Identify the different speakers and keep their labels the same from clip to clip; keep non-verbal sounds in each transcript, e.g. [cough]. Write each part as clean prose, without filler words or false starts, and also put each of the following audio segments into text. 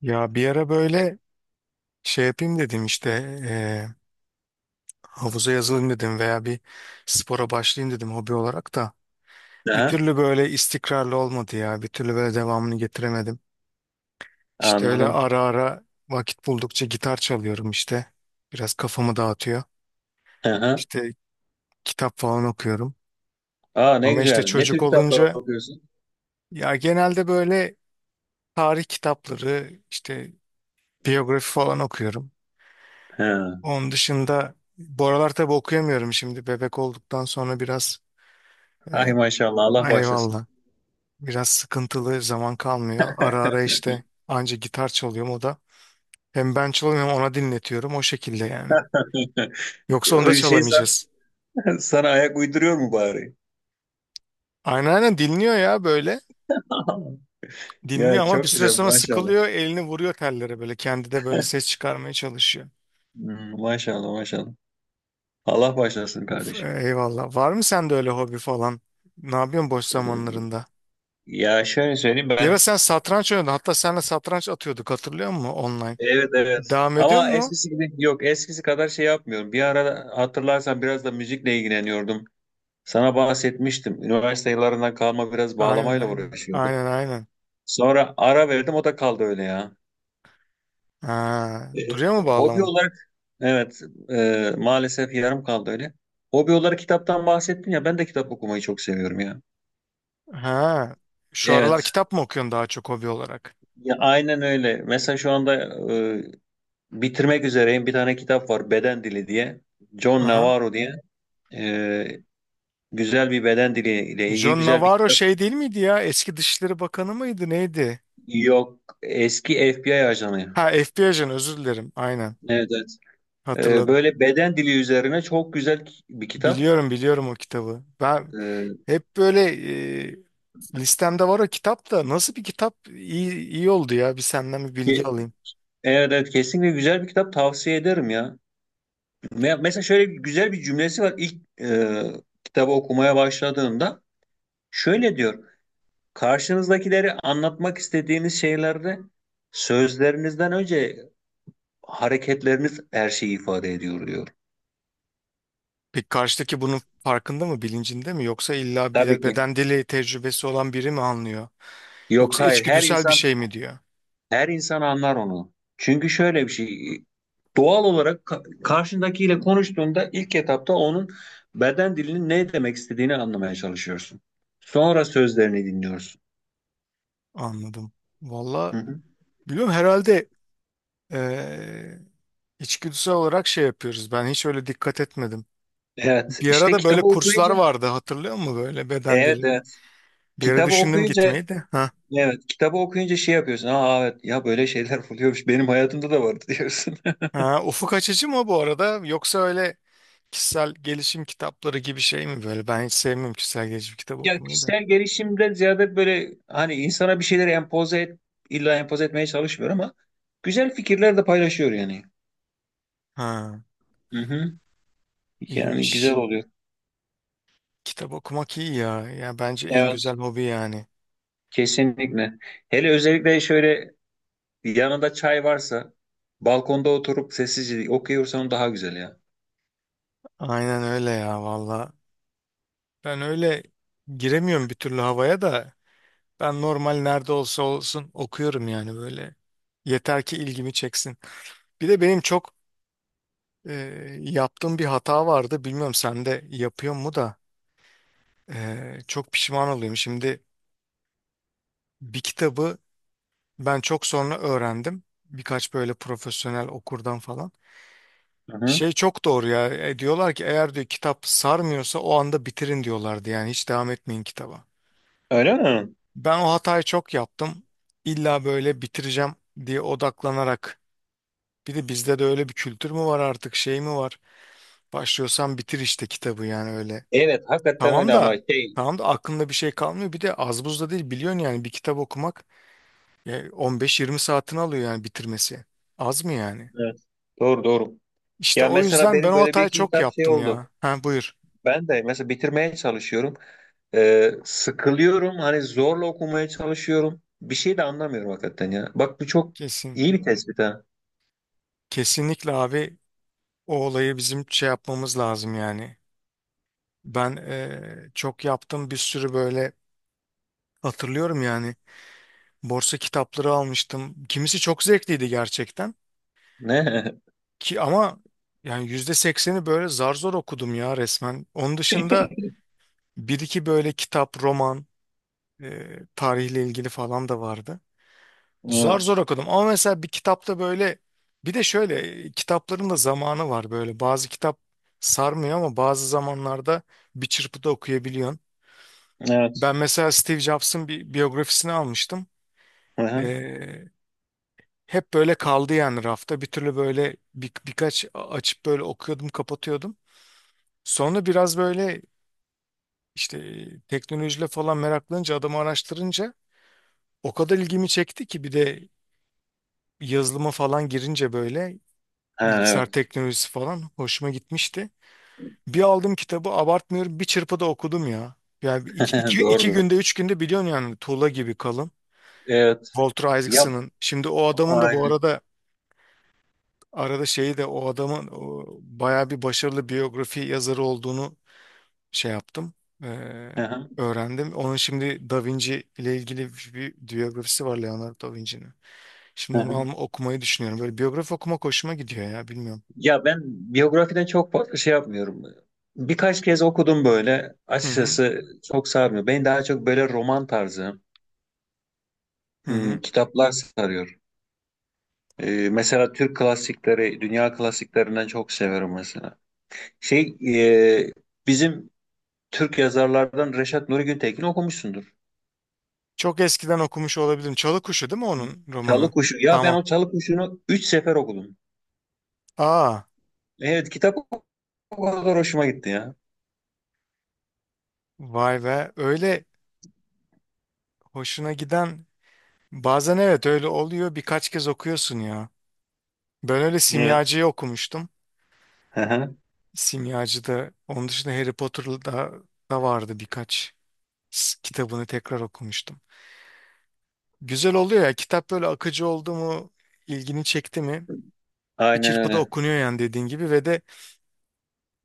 Speaker 1: Ya bir ara böyle şey yapayım dedim işte eee, havuza yazılayım dedim veya bir spora başlayayım dedim hobi olarak da bir
Speaker 2: Aha,
Speaker 1: türlü böyle istikrarlı olmadı ya bir türlü böyle devamını getiremedim. İşte öyle
Speaker 2: anladım.
Speaker 1: ara ara vakit buldukça gitar çalıyorum işte biraz kafamı dağıtıyor
Speaker 2: Aha.
Speaker 1: işte kitap falan okuyorum
Speaker 2: Aa, ne
Speaker 1: ama işte
Speaker 2: güzel. Ne tür
Speaker 1: çocuk
Speaker 2: kitaplar
Speaker 1: olunca
Speaker 2: okuyorsun?
Speaker 1: ya genelde böyle tarih kitapları işte biyografi falan okuyorum.
Speaker 2: Ha.
Speaker 1: Onun dışında bu aralar tabii okuyamıyorum şimdi. Bebek olduktan sonra biraz
Speaker 2: Ay,
Speaker 1: e,
Speaker 2: maşallah, Allah başlasın.
Speaker 1: Eyvallah. Biraz sıkıntılı zaman kalmıyor. Ara ara işte anca gitar çalıyorum o da. Hem ben çalıyorum hem ona dinletiyorum o şekilde yani.
Speaker 2: [laughs]
Speaker 1: Yoksa onu
Speaker 2: O
Speaker 1: da
Speaker 2: şey, sen,
Speaker 1: çalamayacağız.
Speaker 2: [laughs] sana ayak uyduruyor mu bari?
Speaker 1: Aynen aynen, dinliyor ya böyle.
Speaker 2: [laughs]
Speaker 1: Dinliyor
Speaker 2: Ya,
Speaker 1: ama bir
Speaker 2: çok
Speaker 1: süre
Speaker 2: güzel
Speaker 1: sonra
Speaker 2: maşallah.
Speaker 1: sıkılıyor. Elini vuruyor tellere böyle. Kendi de böyle ses çıkarmaya çalışıyor.
Speaker 2: Hmm, maşallah, maşallah. Allah başlasın
Speaker 1: F-
Speaker 2: kardeşim.
Speaker 1: Eyvallah. Var mı sende öyle hobi falan? Ne yapıyorsun boş zamanlarında?
Speaker 2: Ya şöyle söyleyeyim
Speaker 1: Bir ara
Speaker 2: ben,
Speaker 1: sen satranç oynadın. Hatta seninle satranç atıyorduk, hatırlıyor musun online?
Speaker 2: evet evet,
Speaker 1: Devam ediyor
Speaker 2: ama
Speaker 1: mu?
Speaker 2: eskisi gibi yok, eskisi kadar şey yapmıyorum. Bir ara hatırlarsan biraz da müzikle ilgileniyordum. Sana bahsetmiştim. Üniversite yıllarından kalma biraz
Speaker 1: Aynen
Speaker 2: bağlamayla
Speaker 1: aynen.
Speaker 2: uğraşıyordum.
Speaker 1: Aynen aynen.
Speaker 2: Sonra ara verdim, o da kaldı öyle ya.
Speaker 1: Ha,
Speaker 2: E,
Speaker 1: duruyor mu
Speaker 2: Hobi
Speaker 1: bağlamam?
Speaker 2: olarak, evet, maalesef yarım kaldı öyle. Hobi olarak kitaptan bahsettin ya, ben de kitap okumayı çok seviyorum ya.
Speaker 1: Ha, şu aralar
Speaker 2: Evet.
Speaker 1: kitap mı okuyorsun daha çok hobi olarak?
Speaker 2: Ya, aynen öyle. Mesela şu anda e, bitirmek üzereyim. Bir tane kitap var, Beden Dili diye. John
Speaker 1: Aha.
Speaker 2: Navarro diye. E, Güzel bir beden dili ile ilgili
Speaker 1: John
Speaker 2: güzel bir
Speaker 1: Navarro
Speaker 2: kitap.
Speaker 1: şey değil miydi ya? Eski Dışişleri Bakanı mıydı neydi?
Speaker 2: Yok. Eski FBI
Speaker 1: Ha,
Speaker 2: ajanı.
Speaker 1: FBI ajanı, özür dilerim. Aynen.
Speaker 2: Evet evet.
Speaker 1: Hatırladım.
Speaker 2: Böyle beden dili üzerine çok güzel bir kitap.
Speaker 1: Biliyorum biliyorum o kitabı. Ben hep böyle e, listemde var o kitap da. Nasıl bir kitap, iyi, iyi oldu ya. Bir senden bir
Speaker 2: E,
Speaker 1: bilgi alayım.
Speaker 2: Evet, evet, kesinlikle güzel bir kitap, tavsiye ederim ya. Mesela şöyle bir güzel bir cümlesi var ilk, kitabı okumaya başladığımda. Şöyle diyor. Karşınızdakileri anlatmak istediğiniz şeylerde, sözlerinizden önce hareketleriniz her şeyi ifade ediyor diyor.
Speaker 1: Peki karşıdaki bunun farkında mı, bilincinde mi? Yoksa illa
Speaker 2: Tabii
Speaker 1: bir
Speaker 2: ki.
Speaker 1: beden dili tecrübesi olan biri mi anlıyor?
Speaker 2: Yok,
Speaker 1: Yoksa
Speaker 2: hayır. her
Speaker 1: içgüdüsel bir
Speaker 2: insan
Speaker 1: şey mi diyor?
Speaker 2: Her insan anlar onu. Çünkü şöyle bir şey, doğal olarak karşındakiyle konuştuğunda ilk etapta onun beden dilinin ne demek istediğini anlamaya çalışıyorsun. Sonra sözlerini dinliyorsun.
Speaker 1: Anladım. Valla
Speaker 2: Hı hı.
Speaker 1: biliyorum herhalde eee içgüdüsel olarak şey yapıyoruz. Ben hiç öyle dikkat etmedim.
Speaker 2: Evet,
Speaker 1: Bir ara
Speaker 2: işte
Speaker 1: da böyle
Speaker 2: kitabı
Speaker 1: kurslar
Speaker 2: okuyunca,
Speaker 1: vardı, hatırlıyor musun, böyle beden
Speaker 2: evet
Speaker 1: dili?
Speaker 2: evet,
Speaker 1: Bir ara
Speaker 2: kitabı
Speaker 1: düşündüm
Speaker 2: okuyunca,
Speaker 1: gitmeyi de. Ha.
Speaker 2: evet, kitabı okuyunca şey yapıyorsun. Aa, evet, ya böyle şeyler [laughs] oluyormuş, benim hayatımda da vardı diyorsun. [laughs]
Speaker 1: Ha, ufuk açıcı mı bu arada yoksa öyle kişisel gelişim kitapları gibi şey mi böyle? Ben hiç sevmiyorum kişisel gelişim kitabı
Speaker 2: Ya,
Speaker 1: okumayı da.
Speaker 2: kişisel gelişimden ziyade böyle, hani insana bir şeyleri empoze et, illa empoze etmeye çalışmıyor ama güzel fikirler de paylaşıyor yani.
Speaker 1: Ha,
Speaker 2: Hı hı. Yani güzel
Speaker 1: iyiymiş.
Speaker 2: oluyor.
Speaker 1: Kitap okumak iyi ya. Ya bence en
Speaker 2: Evet.
Speaker 1: güzel hobi yani.
Speaker 2: Kesinlikle. Hele özellikle şöyle, yanında çay varsa, balkonda oturup sessizce okuyorsan daha güzel ya.
Speaker 1: Aynen öyle ya valla. Ben öyle giremiyorum bir türlü havaya da. Ben normal nerede olsa olsun okuyorum yani böyle. Yeter ki ilgimi çeksin. Bir de benim çok e, yaptığım bir hata vardı. Bilmiyorum sen de yapıyor mu da. Çok pişman oluyorum. Şimdi bir kitabı Ben çok sonra öğrendim. Birkaç böyle profesyonel okurdan falan.
Speaker 2: Hı hı.
Speaker 1: Şey çok doğru ya. Diyorlar ki, eğer diyor kitap sarmıyorsa o anda bitirin diyorlardı. Yani hiç devam etmeyin kitaba.
Speaker 2: Öyle mi?
Speaker 1: Ben o hatayı çok yaptım. İlla böyle bitireceğim diye odaklanarak. Bir de bizde de öyle bir kültür mü var artık, şey mi var? Başlıyorsan bitir işte kitabı yani öyle.
Speaker 2: Evet, hakikaten
Speaker 1: Tamam
Speaker 2: öyle ama
Speaker 1: da,
Speaker 2: şey,
Speaker 1: tamam da aklında bir şey kalmıyor. Bir de az buz da değil biliyorsun, yani bir kitap okumak 15-20 saatini alıyor yani bitirmesi. Az mı yani?
Speaker 2: evet. Doğru, doğru.
Speaker 1: İşte
Speaker 2: Ya
Speaker 1: o
Speaker 2: mesela
Speaker 1: yüzden ben
Speaker 2: benim
Speaker 1: o
Speaker 2: böyle bir
Speaker 1: hatayı
Speaker 2: iki
Speaker 1: çok
Speaker 2: kitap şey
Speaker 1: yaptım
Speaker 2: oldu.
Speaker 1: ya. Ha, buyur.
Speaker 2: Ben de mesela bitirmeye çalışıyorum. Sıkılıyorum. Hani zorla okumaya çalışıyorum. Bir şey de anlamıyorum hakikaten ya. Bak, bu çok
Speaker 1: Kesin.
Speaker 2: iyi bir tespit ha.
Speaker 1: Kesinlikle abi, o olayı bizim şey yapmamız lazım yani. Ben çok yaptım bir sürü böyle, hatırlıyorum yani. Borsa kitapları almıştım. Kimisi çok zevkliydi gerçekten.
Speaker 2: Ne?
Speaker 1: Ki ama yani %80'i böyle zar zor okudum ya resmen. Onun dışında bir iki böyle kitap, roman, tarihle ilgili falan da vardı.
Speaker 2: [laughs]
Speaker 1: Zar
Speaker 2: Evet.
Speaker 1: zor okudum ama mesela bir kitapta böyle, bir de şöyle kitapların da zamanı var böyle. Bazı kitap sarmıyor ama bazı zamanlarda bir çırpıda okuyabiliyorsun.
Speaker 2: Evet.
Speaker 1: Ben mesela Steve Jobs'ın bir biyografisini almıştım.
Speaker 2: Hı hı.
Speaker 1: Ee, Hep böyle kaldı yani rafta, bir türlü böyle birkaç açıp böyle okuyordum kapatıyordum. Sonra biraz böyle işte teknolojiyle falan meraklanınca, adamı araştırınca o kadar ilgimi çekti ki, bir de yazılıma falan girince böyle
Speaker 2: Ha,
Speaker 1: bilgisayar
Speaker 2: evet.
Speaker 1: teknolojisi falan hoşuma gitmişti. Bir aldım kitabı, abartmıyorum, bir çırpıda okudum ya. Yani
Speaker 2: [laughs]
Speaker 1: iki
Speaker 2: Doğrudur.
Speaker 1: günde 3 günde, biliyorsun yani, tuğla gibi kalın.
Speaker 2: Evet.
Speaker 1: Walter
Speaker 2: Ya,
Speaker 1: Isaacson'ın. Şimdi o adamın da bu
Speaker 2: aynen.
Speaker 1: arada şeyi de, o adamın o bayağı bir başarılı biyografi yazarı olduğunu şey yaptım. Ee,
Speaker 2: Hı hı,
Speaker 1: Öğrendim. Onun şimdi Da Vinci ile ilgili bir biyografisi var, Leonardo Da Vinci'nin.
Speaker 2: hı
Speaker 1: Şimdi onu
Speaker 2: hı.
Speaker 1: okumayı düşünüyorum. Böyle biyografi okumak hoşuma gidiyor ya, bilmiyorum.
Speaker 2: Ya ben biyografiden çok farklı şey yapmıyorum. Birkaç kez okudum böyle.
Speaker 1: Hı hı.
Speaker 2: Açıkçası çok sarmıyor. Beni daha çok böyle roman tarzı
Speaker 1: Hı
Speaker 2: hı,
Speaker 1: hı.
Speaker 2: kitaplar sarıyor. Mesela Türk klasikleri, dünya klasiklerinden çok severim mesela. Şey, e, Bizim Türk yazarlardan Reşat Nuri Güntekin okumuşsundur.
Speaker 1: Çok eskiden okumuş olabilirim. Çalı Kuşu değil mi onun
Speaker 2: Çalı
Speaker 1: romanı?
Speaker 2: Kuşu. Ya ben
Speaker 1: Tamam.
Speaker 2: o Çalı Kuşu'nu 3 sefer okudum.
Speaker 1: Aa,
Speaker 2: Evet, kitap o kadar hoşuma gitti ya.
Speaker 1: vay be. Öyle hoşuna giden, bazen evet öyle oluyor. Birkaç kez okuyorsun ya. Ben öyle
Speaker 2: Evet.
Speaker 1: Simyacı'yı okumuştum.
Speaker 2: Hı hı.
Speaker 1: Simyacı'da, onun dışında Harry Potter'da da vardı, birkaç kitabını tekrar okumuştum. Güzel oluyor ya kitap, böyle akıcı oldu mu, ilgini çekti mi bir
Speaker 2: Aynen
Speaker 1: çırpıda
Speaker 2: öyle.
Speaker 1: okunuyor yani, dediğin gibi. Ve de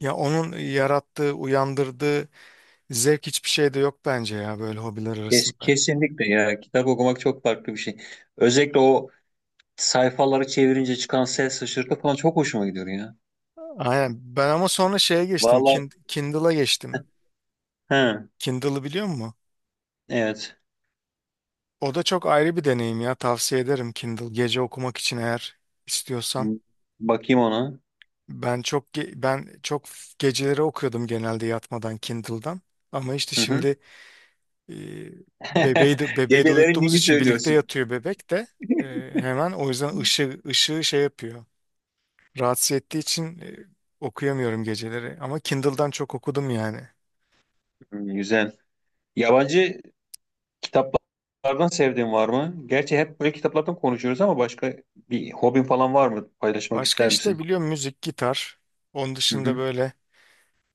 Speaker 1: ya onun yarattığı, uyandırdığı zevk, hiçbir şey de yok bence ya böyle hobiler
Speaker 2: Kes,
Speaker 1: arasında.
Speaker 2: kesinlikle ya. Kitap okumak çok farklı bir şey. Özellikle o sayfaları çevirince çıkan ses şaşırtı falan çok hoşuma gidiyor ya.
Speaker 1: Aynen. Ben ama sonra şeye geçtim.
Speaker 2: Vallahi.
Speaker 1: Kindle'a geçtim.
Speaker 2: Hı,
Speaker 1: Kindle'ı biliyor musun?
Speaker 2: evet.
Speaker 1: O da çok ayrı bir deneyim ya. Tavsiye ederim Kindle. Gece okumak için eğer istiyorsan.
Speaker 2: Hı, bakayım ona.
Speaker 1: Ben çok geceleri okuyordum genelde yatmadan Kindle'dan. Ama işte
Speaker 2: Hı hı.
Speaker 1: şimdi e,
Speaker 2: [laughs]
Speaker 1: bebeği de
Speaker 2: Gecelerin
Speaker 1: uyuttuğumuz
Speaker 2: dini
Speaker 1: için birlikte
Speaker 2: söylüyorsun.
Speaker 1: yatıyor bebek de. E, Hemen o yüzden ışığı şey yapıyor. Rahatsız ettiği için okuyamıyorum geceleri. Ama Kindle'dan çok okudum yani.
Speaker 2: Hı, güzel. Yabancı kitaplardan sevdiğin var mı? Gerçi hep böyle kitaplardan konuşuyoruz ama başka bir hobin falan var mı? Paylaşmak
Speaker 1: Başka
Speaker 2: ister
Speaker 1: işte
Speaker 2: misin?
Speaker 1: biliyorum, müzik, gitar. Onun
Speaker 2: Hı
Speaker 1: dışında
Speaker 2: hı.
Speaker 1: böyle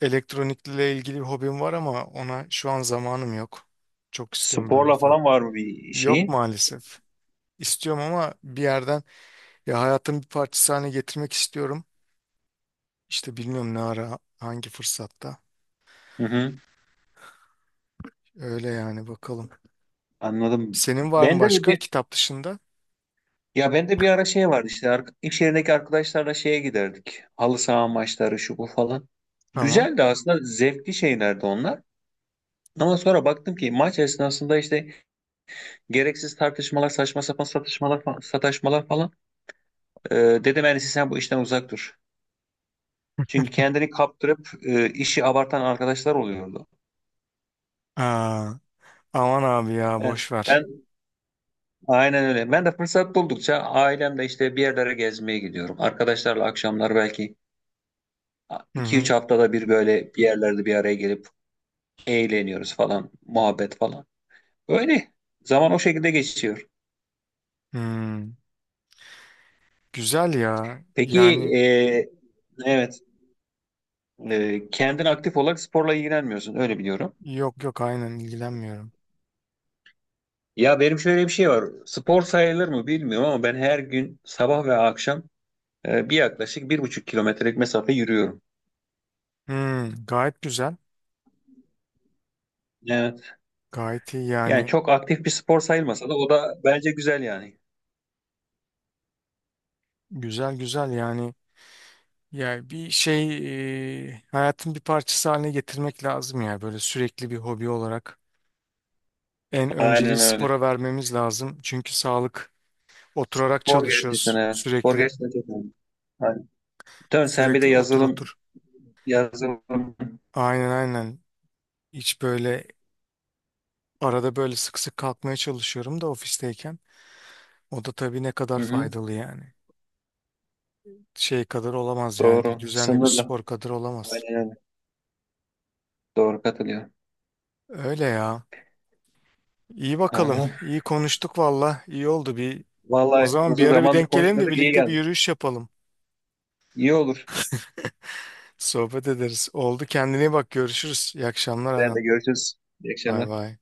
Speaker 1: elektronikle ilgili bir hobim var ama ona şu an zamanım yok. Çok istiyorum böyle
Speaker 2: Sporla
Speaker 1: falan.
Speaker 2: falan var mı bir
Speaker 1: Yok
Speaker 2: şeyi?
Speaker 1: maalesef. İstiyorum ama bir yerden, ya hayatın bir parçası haline getirmek istiyorum. İşte bilmiyorum ne ara, hangi fırsatta.
Speaker 2: Hı hı.
Speaker 1: Öyle yani, bakalım.
Speaker 2: Anladım.
Speaker 1: Senin var mı
Speaker 2: Bende
Speaker 1: başka,
Speaker 2: de
Speaker 1: kitap dışında?
Speaker 2: Ya, bende bir ara şey vardı, işte iş yerindeki arkadaşlarla şeye giderdik. Halı saha maçları, şu bu falan.
Speaker 1: Tamam.
Speaker 2: Güzeldi aslında, zevkli şeylerdi onlar. Ama sonra baktım ki maç esnasında işte gereksiz tartışmalar, saçma sapan satışmalar, sataşmalar falan. Ee, Dedim en iyisi sen bu işten uzak dur. Çünkü kendini kaptırıp işi abartan arkadaşlar oluyordu.
Speaker 1: Aa, aman abi ya,
Speaker 2: Evet,
Speaker 1: boş ver.
Speaker 2: ben aynen öyle. Ben de fırsat buldukça ailemle işte bir yerlere gezmeye gidiyorum. Arkadaşlarla akşamlar belki
Speaker 1: Hı
Speaker 2: iki üç
Speaker 1: hı.
Speaker 2: haftada bir böyle bir yerlerde bir araya gelip eğleniyoruz falan, muhabbet falan. Öyle. Zaman o şekilde geçiyor.
Speaker 1: Hmm. Güzel ya.
Speaker 2: Peki
Speaker 1: Yani
Speaker 2: e, evet e, kendin aktif olarak sporla ilgilenmiyorsun öyle biliyorum.
Speaker 1: yok yok, aynen ilgilenmiyorum.
Speaker 2: Ya benim şöyle bir şey var. Spor sayılır mı bilmiyorum ama ben her gün sabah ve akşam, yaklaşık 1,5 kilometrelik mesafe yürüyorum.
Speaker 1: Hmm, gayet güzel.
Speaker 2: Evet.
Speaker 1: Gayet iyi
Speaker 2: Yani
Speaker 1: yani.
Speaker 2: çok aktif bir spor sayılmasa da o da bence güzel yani.
Speaker 1: Güzel güzel yani. Ya bir şey hayatın bir parçası haline getirmek lazım ya. Böyle sürekli bir hobi olarak. En önceliği
Speaker 2: Aynen öyle.
Speaker 1: spora vermemiz lazım. Çünkü sağlık, oturarak
Speaker 2: Spor gerçekten,
Speaker 1: çalışıyoruz
Speaker 2: evet. Spor
Speaker 1: sürekli.
Speaker 2: gerçekten çok önemli. Aynen. Dön sen bir de
Speaker 1: Sürekli otur
Speaker 2: yazılım,
Speaker 1: otur.
Speaker 2: yazılım. Hı
Speaker 1: Aynen aynen. Hiç böyle arada böyle sık sık kalkmaya çalışıyorum da ofisteyken. O da tabii ne kadar
Speaker 2: hı.
Speaker 1: faydalı yani. Şey kadar olamaz yani, bir
Speaker 2: Doğru.
Speaker 1: düzenli bir
Speaker 2: Sınırlı.
Speaker 1: spor kadar olamaz.
Speaker 2: Aynen öyle. Doğru, katılıyorum.
Speaker 1: Öyle ya. İyi, bakalım.
Speaker 2: Anladım.
Speaker 1: İyi konuştuk valla. İyi oldu bir. O
Speaker 2: Vallahi
Speaker 1: zaman bir
Speaker 2: uzun
Speaker 1: ara bir
Speaker 2: zamandır
Speaker 1: denk gelelim de
Speaker 2: konuşmadık. İyi
Speaker 1: birlikte bir
Speaker 2: geldi.
Speaker 1: yürüyüş yapalım.
Speaker 2: İyi olur.
Speaker 1: [laughs] Sohbet ederiz. Oldu, kendine iyi bak, görüşürüz. İyi akşamlar
Speaker 2: Sen
Speaker 1: Aran.
Speaker 2: de görüşürüz. İyi
Speaker 1: Bay
Speaker 2: akşamlar.
Speaker 1: bay.